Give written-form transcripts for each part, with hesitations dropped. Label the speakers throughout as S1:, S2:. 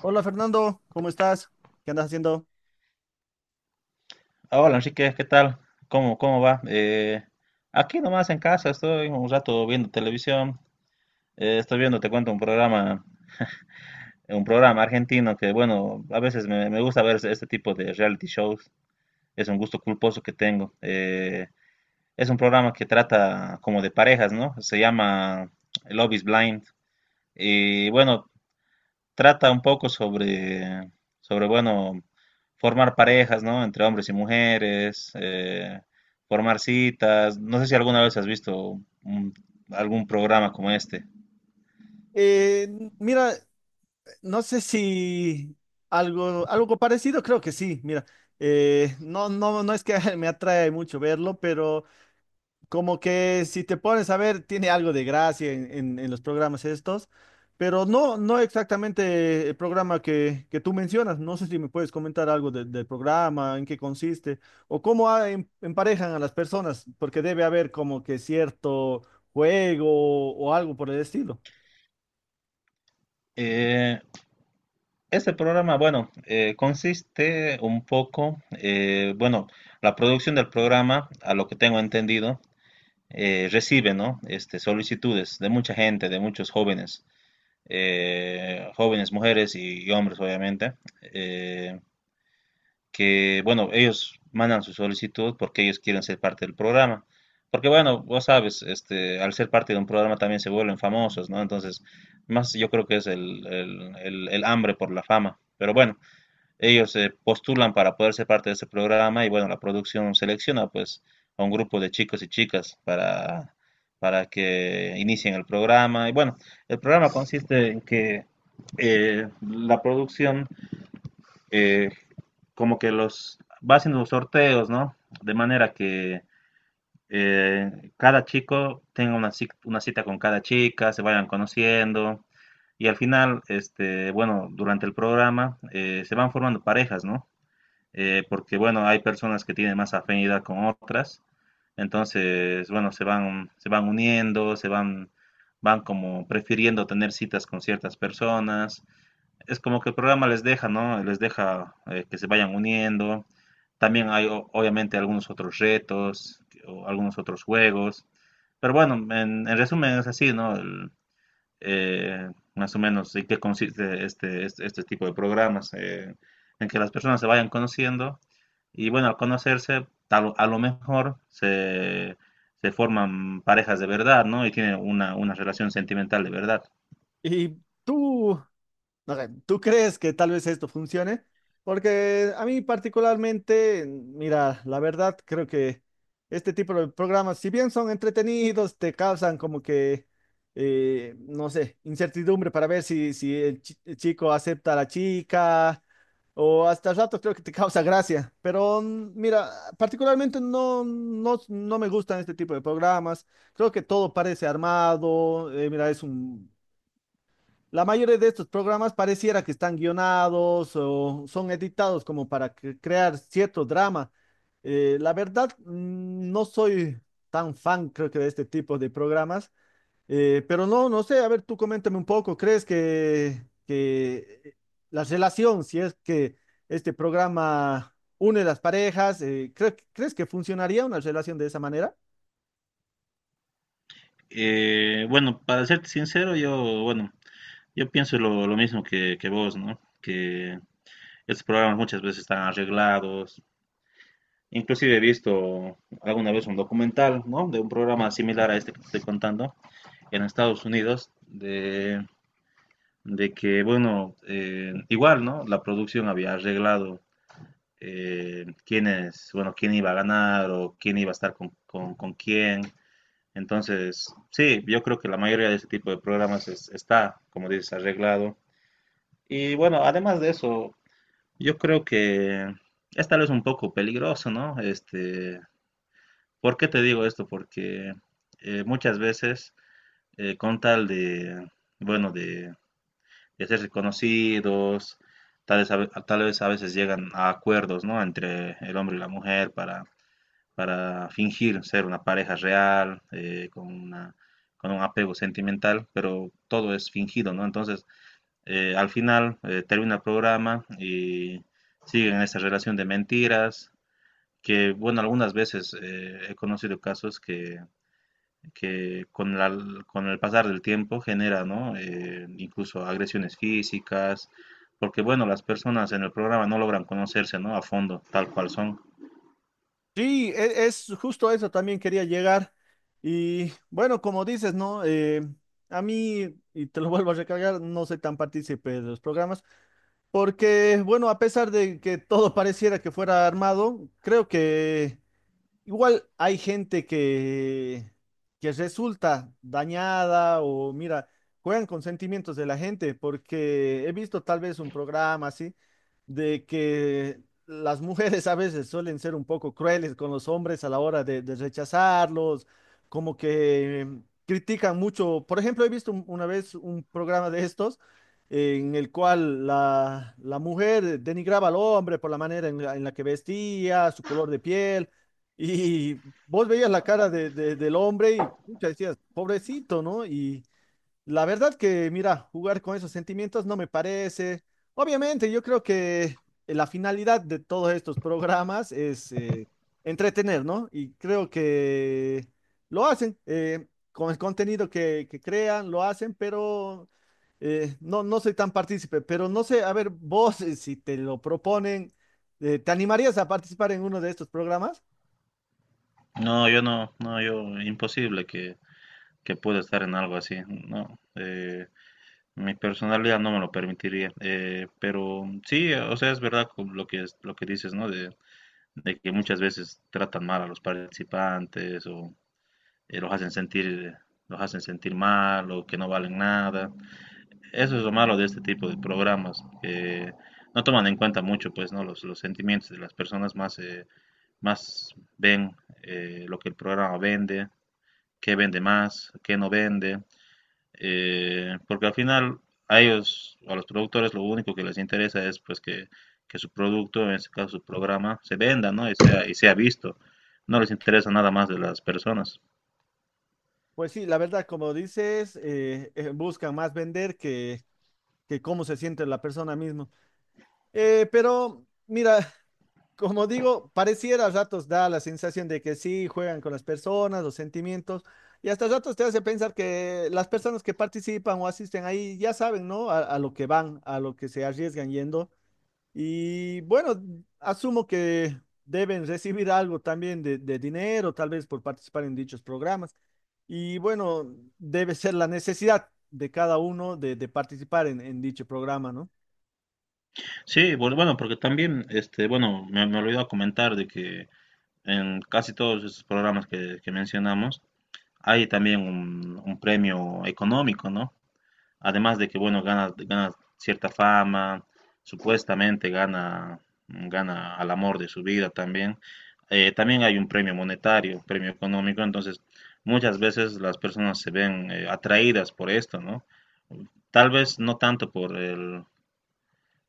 S1: Hola Fernando, ¿cómo estás? ¿Qué andas haciendo?
S2: Hola, Enrique, ¿qué tal? ¿Cómo va? Aquí nomás en casa estoy un rato viendo televisión. Estoy viendo, te cuento, un programa argentino que, bueno, a veces me gusta ver este tipo de reality shows. Es un gusto culposo que tengo. Es un programa que trata como de parejas, ¿no? Se llama Love is Blind. Y bueno, trata un poco sobre bueno, formar parejas, ¿no? Entre hombres y mujeres, formar citas. No sé si alguna vez has visto algún programa como este.
S1: Eh, Mira, no sé si algo parecido, creo que sí. Mira, no es que me atrae mucho verlo, pero como que si te pones a ver, tiene algo de gracia en los programas estos, pero no, no exactamente el programa que tú mencionas. No sé si me puedes comentar algo del programa, en qué consiste, o cómo emparejan a las personas, porque debe haber como que cierto juego o algo por el estilo.
S2: Eh, este programa, bueno, consiste un poco, bueno, la producción del programa, a lo que tengo entendido, recibe, ¿no? Este, solicitudes de mucha gente, de muchos jóvenes, jóvenes, mujeres y hombres, obviamente. Eh, que, bueno, ellos mandan su solicitud porque ellos quieren ser parte del programa. Porque, bueno, vos sabes, este, al ser parte de un programa también se vuelven famosos, ¿no? Entonces, más yo creo que es el hambre por la fama. Pero bueno, ellos se postulan para poder ser parte de ese programa y, bueno, la producción selecciona, pues, a un grupo de chicos y chicas para que inicien el programa. Y, bueno, el programa consiste en que la producción eh, como que los va haciendo los sorteos, ¿no? De manera que cada chico tenga una, una cita con cada chica, se vayan conociendo y al final, este, bueno, durante el programa se van formando parejas, ¿no? Porque, bueno, hay personas que tienen más afinidad con otras, entonces, bueno, se van uniendo, van como prefiriendo tener citas con ciertas personas es como que el programa les deja, ¿no? Les deja que se vayan uniendo. También hay obviamente algunos otros retos o algunos otros juegos. Pero bueno, en resumen es así, ¿no? Más o menos en qué consiste este tipo de programas, en que las personas se vayan conociendo y bueno, al conocerse, a lo mejor se forman parejas de verdad, ¿no? Y tienen una relación sentimental de verdad.
S1: ¿Y tú? Ok, ¿tú crees que tal vez esto funcione? Porque a mí particularmente, mira, la verdad creo que este tipo de programas, si bien son entretenidos, te causan como que, no sé, incertidumbre para ver si, si el el chico acepta a la chica o hasta rato creo que te causa gracia. Pero mira, particularmente no, no, no me gustan este tipo de programas. Creo que todo parece armado. Mira, es un la mayoría de estos programas pareciera que están guionados o son editados como para crear cierto drama. La verdad, no soy tan fan, creo que, de este tipo de programas. Pero no, no sé, a ver, tú coméntame un poco, ¿crees que, que la relación, si es que este programa une las parejas, ¿crees que funcionaría una relación de esa manera?
S2: Bueno, para serte sincero, yo, bueno, yo pienso lo mismo que vos, ¿no? Que estos programas muchas veces están arreglados. Inclusive he visto alguna vez un documental, ¿no? De un programa similar a este que te estoy contando en Estados Unidos, de que, bueno, igual, ¿no? La producción había arreglado quiénes, bueno, quién iba a ganar o quién iba a estar con quién. Entonces, sí, yo creo que la mayoría de este tipo de programas está, como dices, arreglado. Y bueno, además de eso, yo creo que es tal vez un poco peligroso, ¿no? Este, ¿por qué te digo esto? Porque muchas con tal de, bueno, de ser reconocidos, tal vez a veces llegan a acuerdos, ¿no? Entre el hombre y la mujer para fingir ser una pareja real, con una, con un apego sentimental, pero todo es fingido, ¿no? Entonces, al final termina el programa y siguen esa relación de mentiras, que bueno, algunas veces he conocido casos que con, la, con el pasar del tiempo genera, ¿no? Incluso agresiones físicas, porque bueno, las personas en el programa no logran conocerse, ¿no? A fondo, tal cual son.
S1: Sí, es justo a eso también quería llegar. Y bueno, como dices, ¿no? A mí, y te lo vuelvo a recargar, no soy tan partícipe de los programas, porque bueno, a pesar de que todo pareciera que fuera armado, creo que igual hay gente que resulta dañada o mira, juegan con sentimientos de la gente, porque he visto tal vez un programa así de que las mujeres a veces suelen ser un poco crueles con los hombres a la hora de rechazarlos, como que critican mucho. Por ejemplo, he visto una vez un programa de estos en el cual la mujer denigraba al hombre por la manera en la que vestía, su color de piel. Y vos veías la cara del hombre y pucha, decías, pobrecito, ¿no? Y la verdad que, mira, jugar con esos sentimientos no me parece. Obviamente, yo creo que la finalidad de todos estos programas es entretener, ¿no? Y creo que lo hacen, con el contenido que crean, lo hacen, pero no, no soy tan partícipe, pero no sé, a ver, vos, si te lo proponen, ¿te animarías a participar en uno de estos programas?
S2: No, yo no, no, yo, imposible que pueda estar en algo así, ¿no? Mi personalidad no me lo permitiría, pero sí, o sea, es verdad con lo que, lo que dices, ¿no? De que muchas veces tratan mal a los participantes o eh, los hacen sentir, los hacen sentir mal o que no valen nada. Eso es lo malo de este tipo de programas, que no toman en cuenta mucho, pues, ¿no? Los sentimientos de las personas más, más ven lo que el programa vende, qué vende más, qué no vende porque al final a ellos, a los productores, lo único que les interesa es pues que su producto, en este caso su programa, se venda, ¿no? Y sea visto. No les interesa nada más de las personas.
S1: Pues sí, la verdad, como dices, buscan más vender que cómo se siente la persona misma. Pero mira, como digo, pareciera a ratos da la sensación de que sí, juegan con las personas, los sentimientos, y hasta ratos te hace pensar que las personas que participan o asisten ahí ya saben, ¿no? A lo que van, a lo que se arriesgan yendo. Y bueno, asumo que deben recibir algo también de dinero, tal vez por participar en dichos programas. Y bueno, debe ser la necesidad de cada uno de participar en dicho programa, ¿no?
S2: Sí, pues, bueno, porque también, este, bueno, me olvidó comentar de que en casi todos esos programas que mencionamos, hay también un premio económico, ¿no? Además de que, bueno, gana cierta fama, supuestamente gana, gana al amor de su vida también. También hay un premio monetario, un premio económico, entonces muchas veces las personas se ven atraídas por esto, ¿no? Tal vez no tanto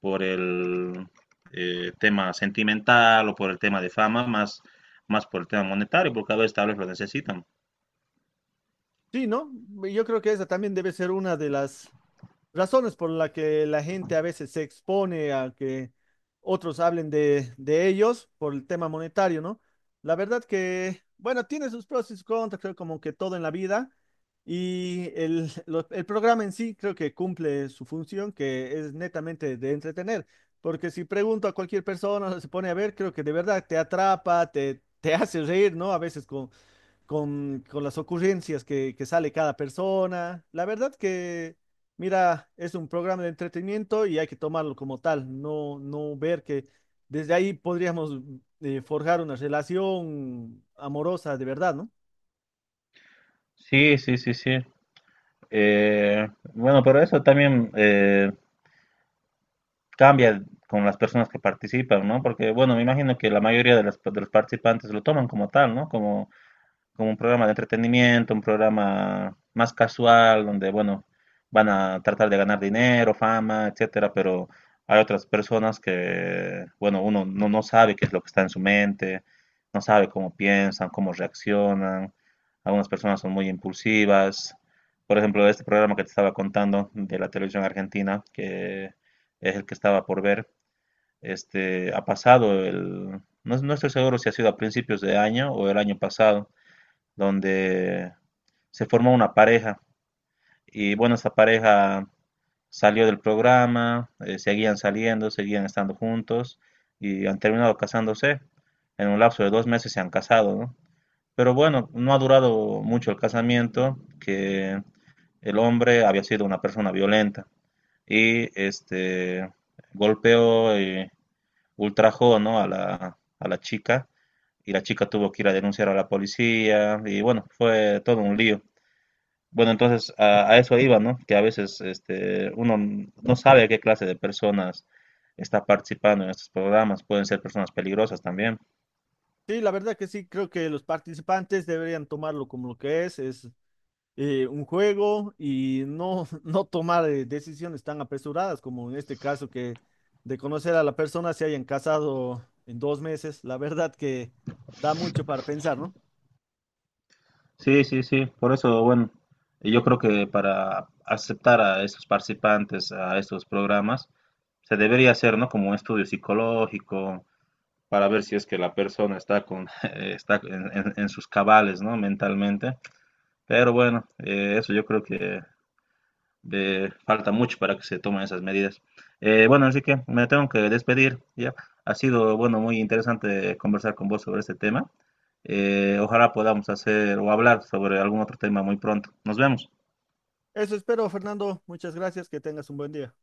S2: por el tema sentimental o por el tema de fama, más, más por el tema monetario, porque a veces tal vez lo necesitan.
S1: Sí, ¿no? Yo creo que esa también debe ser una de las razones por las que la gente a veces se expone a que otros hablen de ellos por el tema monetario, ¿no? La verdad que, bueno, tiene sus pros y sus contras, creo como que todo en la vida. Y el programa en sí creo que cumple su función, que es netamente de entretener. Porque si pregunto a cualquier persona, se pone a ver, creo que de verdad te atrapa, te hace reír, ¿no? A veces con las ocurrencias que sale cada persona. La verdad que, mira, es un programa de entretenimiento y hay que tomarlo como tal, no, no ver que desde ahí podríamos forjar una relación amorosa de verdad, ¿no?
S2: Sí, sí, sí, sí. Eh, bueno, pero eso también cambia con las personas que participan, ¿no? Porque, bueno, me imagino que la mayoría de los participantes lo toman como tal, ¿no? Como como un programa de entretenimiento, un programa más casual, donde, bueno, van a tratar de ganar dinero, fama, etcétera, pero hay otras personas que, bueno, uno no sabe qué es lo que está en su mente, no sabe cómo piensan, cómo reaccionan. Algunas personas son muy impulsivas. Por ejemplo, este programa que te estaba contando de la televisión argentina, que es el que estaba por ver, este, ha pasado no, no estoy seguro si ha sido a principios de año o el año pasado, donde se formó una pareja y bueno, esa pareja salió del programa, seguían saliendo, seguían estando juntos y han terminado casándose. En un lapso de 2 meses se han casado, ¿no? Pero bueno, no ha durado mucho el casamiento, que el hombre había sido una persona violenta y este golpeó y ultrajó, ¿no? a a la chica y la chica tuvo que ir a denunciar a la policía y bueno, fue todo un lío. Bueno, entonces a eso iba, ¿no? Que a veces este, uno no sabe qué clase de personas está participando en estos programas. Pueden ser personas peligrosas también.
S1: Sí, la verdad que sí, creo que los participantes deberían tomarlo como lo que es un juego y no, no tomar decisiones tan apresuradas como en este caso que de conocer a la persona se hayan casado en 2 meses. La verdad que da mucho para pensar, ¿no?
S2: Sí, sí, sí. Por eso, bueno, yo creo que para aceptar a estos participantes a estos programas, se debería hacer, ¿no? Como un estudio psicológico para ver si es que la persona está con está en sus cabales, ¿no? Mentalmente. Pero bueno, eso yo creo que falta mucho para que se tomen esas medidas. Bueno, así que me tengo que despedir, ¿ya? Ha sido, bueno, muy interesante conversar con vos sobre este tema. Ojalá podamos hacer o hablar sobre algún otro tema muy pronto. Nos vemos.
S1: Eso espero, Fernando. Muchas gracias. Que tengas un buen día.